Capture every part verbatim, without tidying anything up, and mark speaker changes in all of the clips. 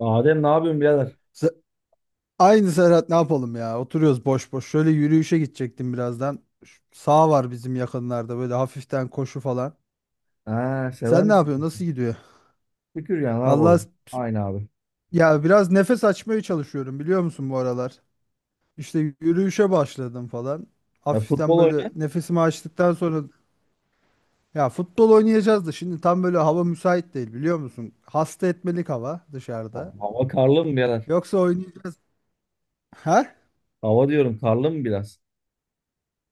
Speaker 1: Adem ne yapıyorsun birader?
Speaker 2: Se- Aynı Serhat ne yapalım ya? Oturuyoruz boş boş. Şöyle yürüyüşe gidecektim birazdan. Şu Sağ var bizim yakınlarda böyle hafiften koşu falan.
Speaker 1: Ha, sever
Speaker 2: Sen ne
Speaker 1: misin?
Speaker 2: yapıyorsun? Nasıl gidiyor?
Speaker 1: Şükür ya ne
Speaker 2: Allah,
Speaker 1: yapalım? Aynı abi.
Speaker 2: ya biraz nefes açmaya çalışıyorum biliyor musun bu aralar? İşte yürüyüşe başladım falan.
Speaker 1: Ya
Speaker 2: Hafiften
Speaker 1: futbol
Speaker 2: böyle
Speaker 1: oynayan.
Speaker 2: nefesimi açtıktan sonra ya futbol oynayacağız da şimdi tam böyle hava müsait değil biliyor musun? Hasta etmelik hava
Speaker 1: Ha,
Speaker 2: dışarıda.
Speaker 1: hava karlı mı birader?
Speaker 2: Yoksa oynayacağız. Ha?
Speaker 1: Hava diyorum karlı mı biraz?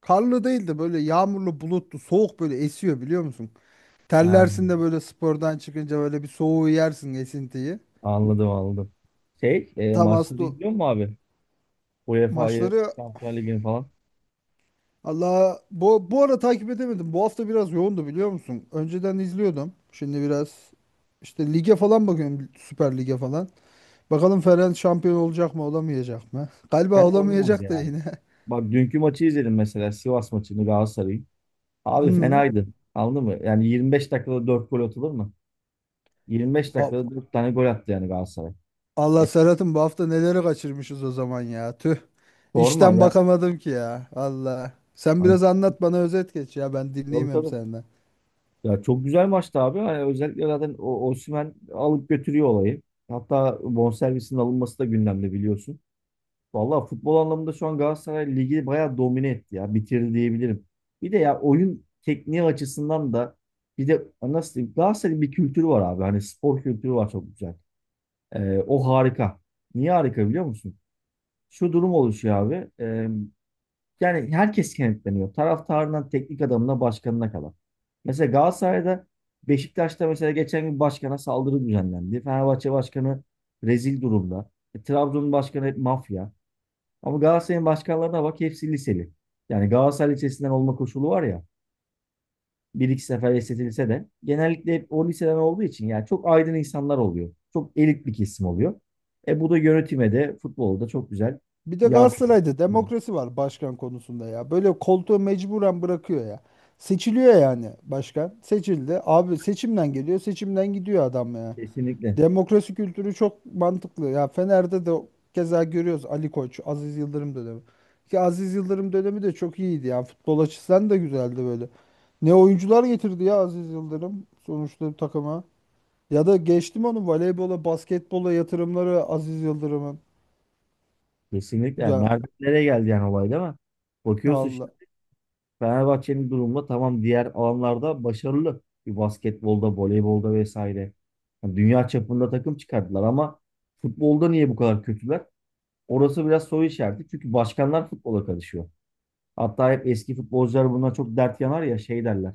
Speaker 2: Karlı değil de böyle yağmurlu bulutlu soğuk böyle esiyor biliyor musun?
Speaker 1: Ha,
Speaker 2: Terlersin de böyle spordan çıkınca böyle bir soğuğu yersin esintiyi.
Speaker 1: anladım anladım. Şey e,
Speaker 2: Tam
Speaker 1: maçları
Speaker 2: aslında
Speaker 1: izliyor mu abi? U E F A'yı,
Speaker 2: maçları.
Speaker 1: Şampiyonlar Ligi'ni falan.
Speaker 2: Allah, bu bu ara takip edemedim. Bu hafta biraz yoğundu biliyor musun? Önceden izliyordum. Şimdi biraz işte lige falan bakıyorum, Süper Lig'e falan. Bakalım Ferenc şampiyon olacak mı olamayacak mı? Galiba
Speaker 1: Fena olmaz
Speaker 2: olamayacak da
Speaker 1: yani.
Speaker 2: yine.
Speaker 1: Bak dünkü maçı izledim mesela Sivas maçını Galatasaray'ın. Abi
Speaker 2: Hı.
Speaker 1: fenaydı. Anladın mı? Yani yirmi beş dakikada dört gol atılır mı? yirmi beş
Speaker 2: A-
Speaker 1: dakikada dört tane gol attı yani Galatasaray. E,
Speaker 2: Allah Serhat'ım, bu hafta neleri kaçırmışız o zaman ya. Tüh.
Speaker 1: Sorma
Speaker 2: İşten
Speaker 1: ya.
Speaker 2: bakamadım ki ya. Allah. Sen
Speaker 1: Hani,
Speaker 2: biraz anlat bana, özet geç ya, ben
Speaker 1: tabii
Speaker 2: dinleyeyim hem
Speaker 1: tabii.
Speaker 2: senden.
Speaker 1: Ya çok güzel maçtı abi. Hani özellikle zaten o Osimhen alıp götürüyor olayı. Hatta bonservisinin alınması da gündemde biliyorsun. Vallahi futbol anlamında şu an Galatasaray ligi bayağı domine etti ya. Bitirdi diyebilirim. Bir de ya oyun tekniği açısından da bir de nasıl diyeyim Galatasaray'ın bir kültürü var abi. Hani spor kültürü var çok güzel. Ee, o harika. Niye harika biliyor musun? Şu durum oluşuyor abi. Ee, yani herkes kenetleniyor. Taraftarından teknik adamına, başkanına kadar. Mesela Galatasaray'da Beşiktaş'ta mesela geçen gün başkana saldırı düzenlendi. Fenerbahçe başkanı rezil durumda. E, Trabzon'un başkanı hep mafya. Ama Galatasaray'ın başkanlarına bak hepsi liseli. Yani Galatasaray lisesinden olma koşulu var ya. Bir iki sefer esnetilse de genellikle hep o liseden olduğu için yani çok aydın insanlar oluyor. Çok elit bir kesim oluyor. E bu da yönetime de futbolda çok güzel
Speaker 2: Bir de
Speaker 1: yansıyor.
Speaker 2: Galatasaray'da demokrasi var başkan konusunda ya. Böyle koltuğu mecburen bırakıyor ya. Seçiliyor yani başkan. Seçildi. Abi seçimden geliyor, seçimden gidiyor adam ya.
Speaker 1: Kesinlikle.
Speaker 2: Demokrasi kültürü çok mantıklı. Ya Fener'de de keza görüyoruz, Ali Koç, Aziz Yıldırım dönemi. Ki Aziz Yıldırım dönemi de çok iyiydi, yani futbol açısından da güzeldi böyle. Ne oyuncular getirdi ya Aziz Yıldırım sonuçta takıma. Ya da geçtim onu, voleybola, basketbola yatırımları Aziz Yıldırım'ın.
Speaker 1: Kesinlikle. Yani
Speaker 2: Ya
Speaker 1: nereden nereye geldi yani olay değil mi? Bakıyorsun
Speaker 2: Allah.
Speaker 1: şimdi Fenerbahçe'nin durumunda tamam diğer alanlarda başarılı. Bir basketbolda, voleybolda vesaire. Yani dünya çapında takım çıkardılar ama futbolda niye bu kadar kötüler? Orası biraz soru işareti. Çünkü başkanlar futbola karışıyor. Hatta hep eski futbolcular bundan çok dert yanar ya şey derler.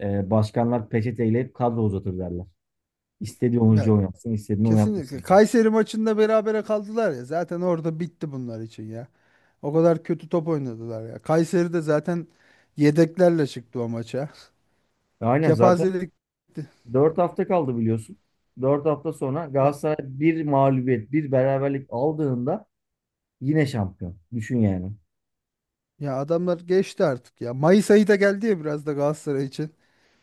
Speaker 1: E, başkanlar peçeteyle hep kadro uzatır derler. İstediği
Speaker 2: ya
Speaker 1: oyuncu oynatsın, istediğini
Speaker 2: Kesinlikle.
Speaker 1: oynatmasın.
Speaker 2: Kayseri maçında berabere kaldılar ya. Zaten orada bitti bunlar için ya. O kadar kötü top oynadılar ya. Kayseri de zaten yedeklerle çıktı o maça.
Speaker 1: E, Aynen zaten.
Speaker 2: Kepazelik
Speaker 1: Dört hafta kaldı biliyorsun. Dört hafta sonra
Speaker 2: ya.
Speaker 1: Galatasaray bir mağlubiyet, bir beraberlik aldığında yine şampiyon. Düşün yani.
Speaker 2: Ya adamlar geçti artık ya. Mayıs ayı da geldi ya biraz da Galatasaray için.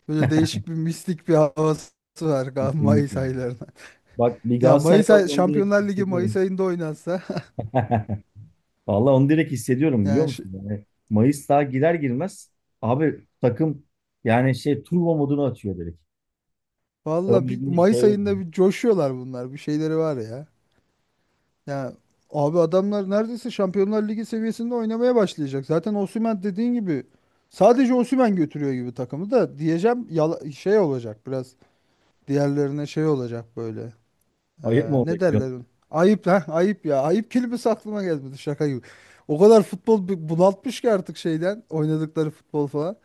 Speaker 2: Böyle değişik bir mistik bir havası var Gal- Mayıs
Speaker 1: Kesinlikle.
Speaker 2: aylarına.
Speaker 1: Bak bir
Speaker 2: Ya
Speaker 1: Galatasaray
Speaker 2: Mayıs
Speaker 1: olarak
Speaker 2: ay
Speaker 1: onu direkt
Speaker 2: Şampiyonlar Ligi Mayıs
Speaker 1: hissediyorum.
Speaker 2: ayında oynansa
Speaker 1: Vallahi onu direkt hissediyorum biliyor
Speaker 2: yani şu-
Speaker 1: musun? Yani Mayıs daha girer girmez abi takım yani şey turbo modunu atıyor direkt. Öyle
Speaker 2: valla bir
Speaker 1: bir
Speaker 2: Mayıs
Speaker 1: şey
Speaker 2: ayında bir coşuyorlar bunlar. Bir şeyleri var ya. Ya abi, adamlar neredeyse Şampiyonlar Ligi seviyesinde oynamaya başlayacak. Zaten Osimhen dediğin gibi, sadece Osimhen götürüyor gibi takımı da diyeceğim, yala- şey olacak biraz, diğerlerine şey olacak böyle.
Speaker 1: ayıp
Speaker 2: Ee,
Speaker 1: mı
Speaker 2: ne
Speaker 1: olacak diyor.
Speaker 2: derler? Ayıp ha, ayıp ya. Ayıp kelimesi aklıma gelmedi, şaka gibi. O kadar futbol bu- bunaltmış ki artık, şeyden oynadıkları futbol falan.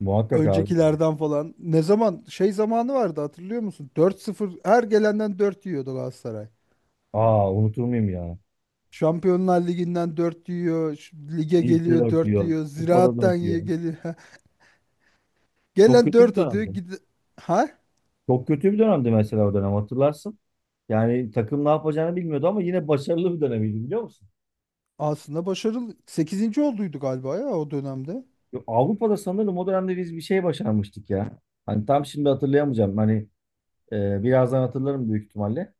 Speaker 1: Muhakkak abi.
Speaker 2: Öncekilerden falan. Ne zaman şey zamanı vardı hatırlıyor musun? Dört sıfır, her gelenden dört yiyordu Galatasaray.
Speaker 1: Aa unutur muyum ya?
Speaker 2: Şampiyonlar Ligi'nden dört yiyor. Şu Lige
Speaker 1: Ligde de
Speaker 2: geliyor dört
Speaker 1: atıyor.
Speaker 2: yiyor.
Speaker 1: Kupada da
Speaker 2: Ziraattan
Speaker 1: atıyor.
Speaker 2: yiyor geliyor.
Speaker 1: Çok
Speaker 2: Gelen
Speaker 1: kötü bir
Speaker 2: dört atıyor.
Speaker 1: dönemdi.
Speaker 2: Gide... Ha?
Speaker 1: Çok kötü bir dönemdi mesela o dönem hatırlarsın. Yani takım ne yapacağını bilmiyordu ama yine başarılı bir dönemiydi biliyor musun?
Speaker 2: Aslında başarılı. Sekizinci olduydu galiba ya o dönemde.
Speaker 1: Yo, Avrupa'da sanırım o dönemde biz bir şey başarmıştık ya. Hani tam şimdi hatırlayamayacağım. Hani e, birazdan hatırlarım büyük ihtimalle.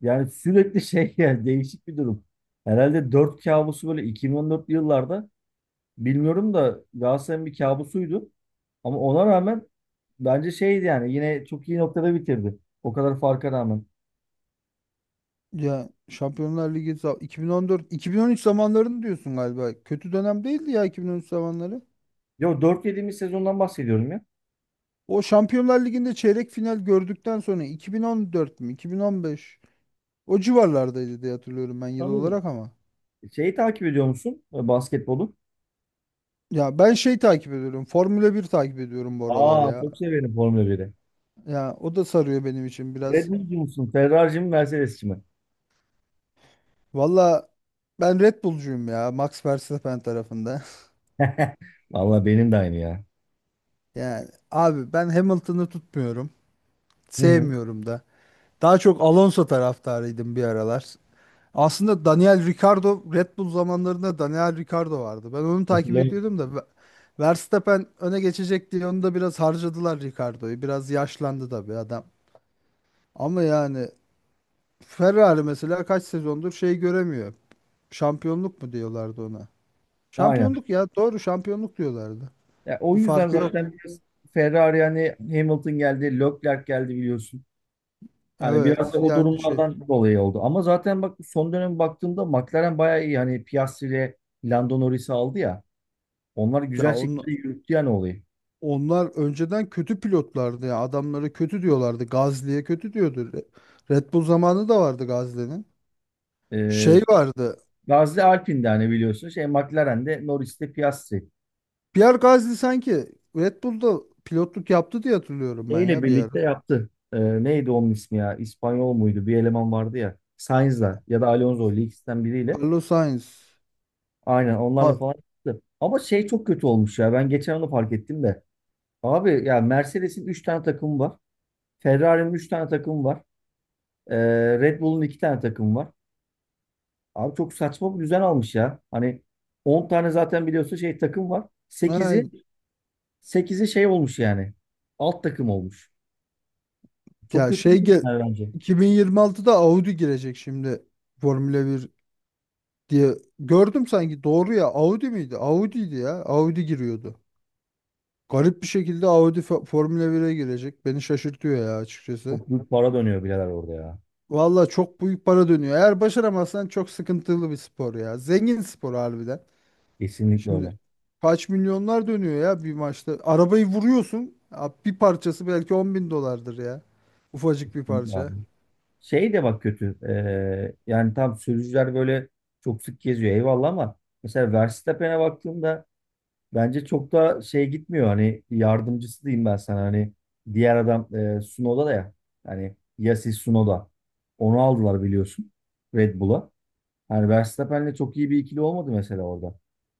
Speaker 1: Yani sürekli şey yani değişik bir durum. Herhalde dört kabusu böyle iki bin on dörtlü yıllarda bilmiyorum da Galatasaray'ın bir kabusuydu. Ama ona rağmen bence şeydi yani yine çok iyi noktada bitirdi. O kadar farka rağmen.
Speaker 2: Ya Şampiyonlar Ligi za- iki bin on dört iki bin on üç zamanlarını diyorsun galiba. Kötü dönem değildi ya iki bin on üç zamanları.
Speaker 1: Yo dört yediğimiz sezondan bahsediyorum ya.
Speaker 2: O Şampiyonlar Ligi'nde çeyrek final gördükten sonra iki bin on dört mü iki bin on beş, o civarlardaydı diye hatırlıyorum ben yıl
Speaker 1: Sanırım.
Speaker 2: olarak ama.
Speaker 1: Şeyi takip ediyor musun? E, Basketbolu.
Speaker 2: Ya ben şey takip ediyorum, Formula bir takip ediyorum bu aralar
Speaker 1: Aa
Speaker 2: ya.
Speaker 1: çok severim Formula biri.
Speaker 2: Ya o da sarıyor benim için
Speaker 1: Red
Speaker 2: biraz.
Speaker 1: Bull'cu musun? Ferrari'ci mi? Mercedes'ci mi?
Speaker 2: Valla ben Red Bull'cuyum ya, Max Verstappen tarafında.
Speaker 1: Valla benim de aynı ya.
Speaker 2: Yani abi ben Hamilton'ı tutmuyorum.
Speaker 1: Hı hı.
Speaker 2: Sevmiyorum da. Daha çok Alonso taraftarıydım bir aralar. Aslında Daniel Ricciardo, Red Bull zamanlarında Daniel Ricciardo vardı. Ben onu takip
Speaker 1: Hatırlıyorum.
Speaker 2: ediyordum da Ve- Verstappen öne geçecek diye onu da biraz harcadılar Ricciardo'yu. Biraz yaşlandı da bir adam. Ama yani Ferrari mesela kaç sezondur şey göremiyor. Şampiyonluk mu diyorlardı ona.
Speaker 1: Aynen.
Speaker 2: Şampiyonluk ya, doğru, şampiyonluk diyorlardı.
Speaker 1: Ya, o
Speaker 2: Bir
Speaker 1: yüzden
Speaker 2: farkı yok.
Speaker 1: zaten biraz Ferrari hani Hamilton geldi, Leclerc geldi biliyorsun. Hani biraz
Speaker 2: Evet
Speaker 1: da o
Speaker 2: yani şey,
Speaker 1: durumlardan dolayı oldu. Ama zaten bak son dönem baktığımda McLaren bayağı iyi. Hani Piastri ile Lando Norris'i aldı ya. Onlar
Speaker 2: ya
Speaker 1: güzel
Speaker 2: on,
Speaker 1: şekilde yürüttü yani olayı.
Speaker 2: onlar önceden kötü pilotlardı ya, adamları kötü diyorlardı. Gazli'ye kötü diyordu. Re- Red Bull zamanı da vardı Gazli'nin.
Speaker 1: Ee,
Speaker 2: Şey vardı.
Speaker 1: Gazze Alpine'de hani biliyorsun. Şey McLaren'de Norris'te Piastri.
Speaker 2: Pierre Gasly sanki Red Bull'da pilotluk yaptı diye hatırlıyorum
Speaker 1: E
Speaker 2: ben
Speaker 1: ile
Speaker 2: ya bir
Speaker 1: birlikte
Speaker 2: ara.
Speaker 1: yaptı. Ee, neydi onun ismi ya? İspanyol muydu? Bir eleman vardı ya. Sainz'la ya da Alonso ile ikisinden biriyle.
Speaker 2: Carlos Sainz.
Speaker 1: Aynen
Speaker 2: Ha.
Speaker 1: onlarla falan yaptı. Ama şey çok kötü olmuş ya. Ben geçen onu fark ettim de. Abi ya Mercedes'in üç tane takımı var. Ferrari'nin üç tane takımı var. Ee, Red Bull'un iki tane takımı var. Abi çok saçma bir düzen almış ya. Hani on tane zaten biliyorsun şey takım var.
Speaker 2: Ha.
Speaker 1: Sekizi sekizi şey olmuş yani. Alt takım olmuş. Çok
Speaker 2: Ya
Speaker 1: kötü bir
Speaker 2: şey gel
Speaker 1: düzen bence.
Speaker 2: iki bin yirmi altıda Audi girecek şimdi, Formula bir. Diye gördüm sanki, doğru ya, Audi miydi? Audi'ydi ya. Audi giriyordu. Garip bir şekilde Audi Fo- Formula bire girecek. Beni şaşırtıyor ya açıkçası.
Speaker 1: Çok büyük para dönüyor birader orada ya.
Speaker 2: Valla çok büyük para dönüyor. Eğer başaramazsan çok sıkıntılı bir spor ya. Zengin spor harbiden.
Speaker 1: Kesinlikle
Speaker 2: Şimdi
Speaker 1: öyle.
Speaker 2: kaç milyonlar dönüyor ya bir maçta. Arabayı vuruyorsun. Ya, bir parçası belki on bin dolardır ya. Ufacık bir
Speaker 1: Kesinlikle.
Speaker 2: parça.
Speaker 1: Şey de bak kötü. Ee, yani tam sürücüler böyle çok sık geziyor eyvallah ama mesela Verstappen'e baktığımda bence çok da şey gitmiyor. Hani yardımcısı diyeyim ben sana. Hani diğer adam e, Tsunoda da ya. Hani Yasis Tsunoda. Onu aldılar biliyorsun. Red Bull'a. Hani Verstappen'le çok iyi bir ikili olmadı mesela orada.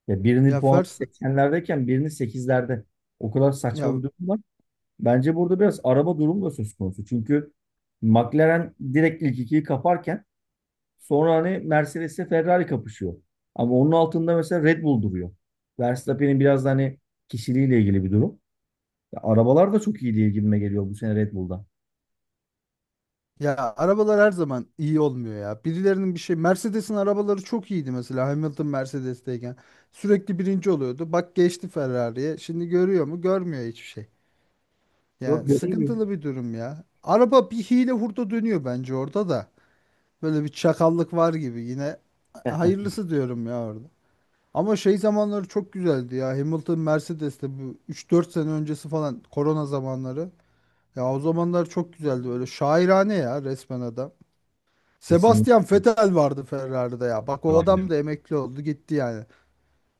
Speaker 1: Ya birinin
Speaker 2: Ya
Speaker 1: puanı
Speaker 2: Fers
Speaker 1: seksenlerdeyken birinin sekizlerde. O kadar saçma
Speaker 2: ya
Speaker 1: bir durum var. Bence burada biraz araba durumu da söz konusu. Çünkü McLaren direkt ilk ikiyi kaparken sonra hani Mercedes'le Ferrari kapışıyor. Ama onun altında mesela Red Bull duruyor. Verstappen'in biraz da hani kişiliğiyle ilgili bir durum. Ya arabalar da çok iyi diye gibime geliyor bu sene Red Bull'da.
Speaker 2: Ya arabalar her zaman iyi olmuyor ya. Birilerinin bir şey, Mercedes'in arabaları çok iyiydi mesela Hamilton Mercedes'teyken. Sürekli birinci oluyordu. Bak geçti Ferrari'ye. Şimdi görüyor mu? Görmüyor hiçbir şey.
Speaker 1: Yok
Speaker 2: Yani
Speaker 1: ya iyi mi?
Speaker 2: sıkıntılı bir durum ya. Araba bir hile hurda dönüyor bence orada da. Böyle bir çakallık var gibi yine. Hayırlısı diyorum ya orada. Ama şey zamanları çok güzeldi ya, Hamilton Mercedes'te, bu üç dört sene öncesi falan, korona zamanları. Ya o zamanlar çok güzeldi, böyle şairane ya resmen adam. Sebastian
Speaker 1: Kesinlikle.
Speaker 2: Vettel vardı Ferrari'de ya. Bak o
Speaker 1: Abi.
Speaker 2: adam da emekli oldu gitti yani.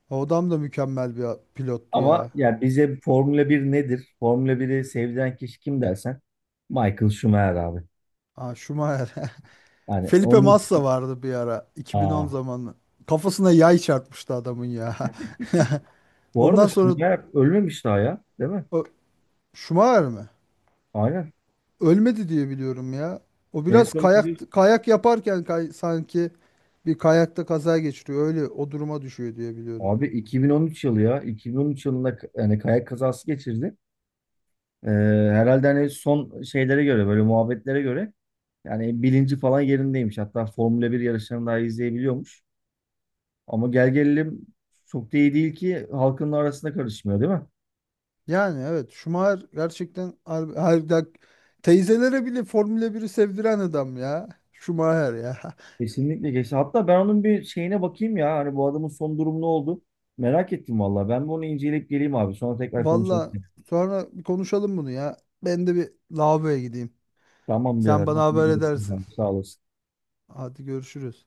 Speaker 2: O adam da mükemmel bir pilottu
Speaker 1: Ama
Speaker 2: ya.
Speaker 1: yani bize Formula bir nedir? Formula biri sevdiren kişi kim dersen Michael Schumacher abi.
Speaker 2: Ha, Schumacher.
Speaker 1: Yani
Speaker 2: Felipe
Speaker 1: onun.
Speaker 2: Massa vardı bir ara, iki bin on
Speaker 1: Aa.
Speaker 2: zamanı. Kafasına yay çarpmıştı adamın ya.
Speaker 1: Bu arada
Speaker 2: Ondan sonra
Speaker 1: Schumacher ölmemiş daha ya, değil mi?
Speaker 2: o, Schumacher mi?
Speaker 1: Aynen.
Speaker 2: Ölmedi diye biliyorum ya. O
Speaker 1: En
Speaker 2: biraz
Speaker 1: son biliyorsun
Speaker 2: kayak, kayak yaparken kay- sanki bir kayakta kaza geçiriyor. Öyle o duruma düşüyor diye biliyorum.
Speaker 1: abi iki bin on üç yılı ya. iki bin on üç yılında k- yani kayak kazası geçirdi. Ee, Herhalde hani son şeylere göre böyle muhabbetlere göre yani bilinci falan yerindeymiş. Hatta Formula bir yarışlarını daha izleyebiliyormuş. Ama gel gelelim çok da iyi değil ki halkın arasında karışmıyor değil mi?
Speaker 2: Yani evet, Schumacher gerçekten har- harbiden teyzelere bile Formula biri sevdiren adam ya, Schumacher ya.
Speaker 1: Kesinlikle geçti. Hatta ben onun bir şeyine bakayım ya. Hani bu adamın son durumu ne oldu? Merak ettim vallahi. Ben bir onu inceleyip geleyim abi. Sonra tekrar konuşalım.
Speaker 2: Valla sonra bir konuşalım bunu ya. Ben de bir lavaboya gideyim.
Speaker 1: Tamam
Speaker 2: Sen
Speaker 1: birader.
Speaker 2: bana
Speaker 1: Hadi
Speaker 2: haber
Speaker 1: görüşürüz
Speaker 2: edersin.
Speaker 1: abi. Sağ olasın.
Speaker 2: Hadi görüşürüz.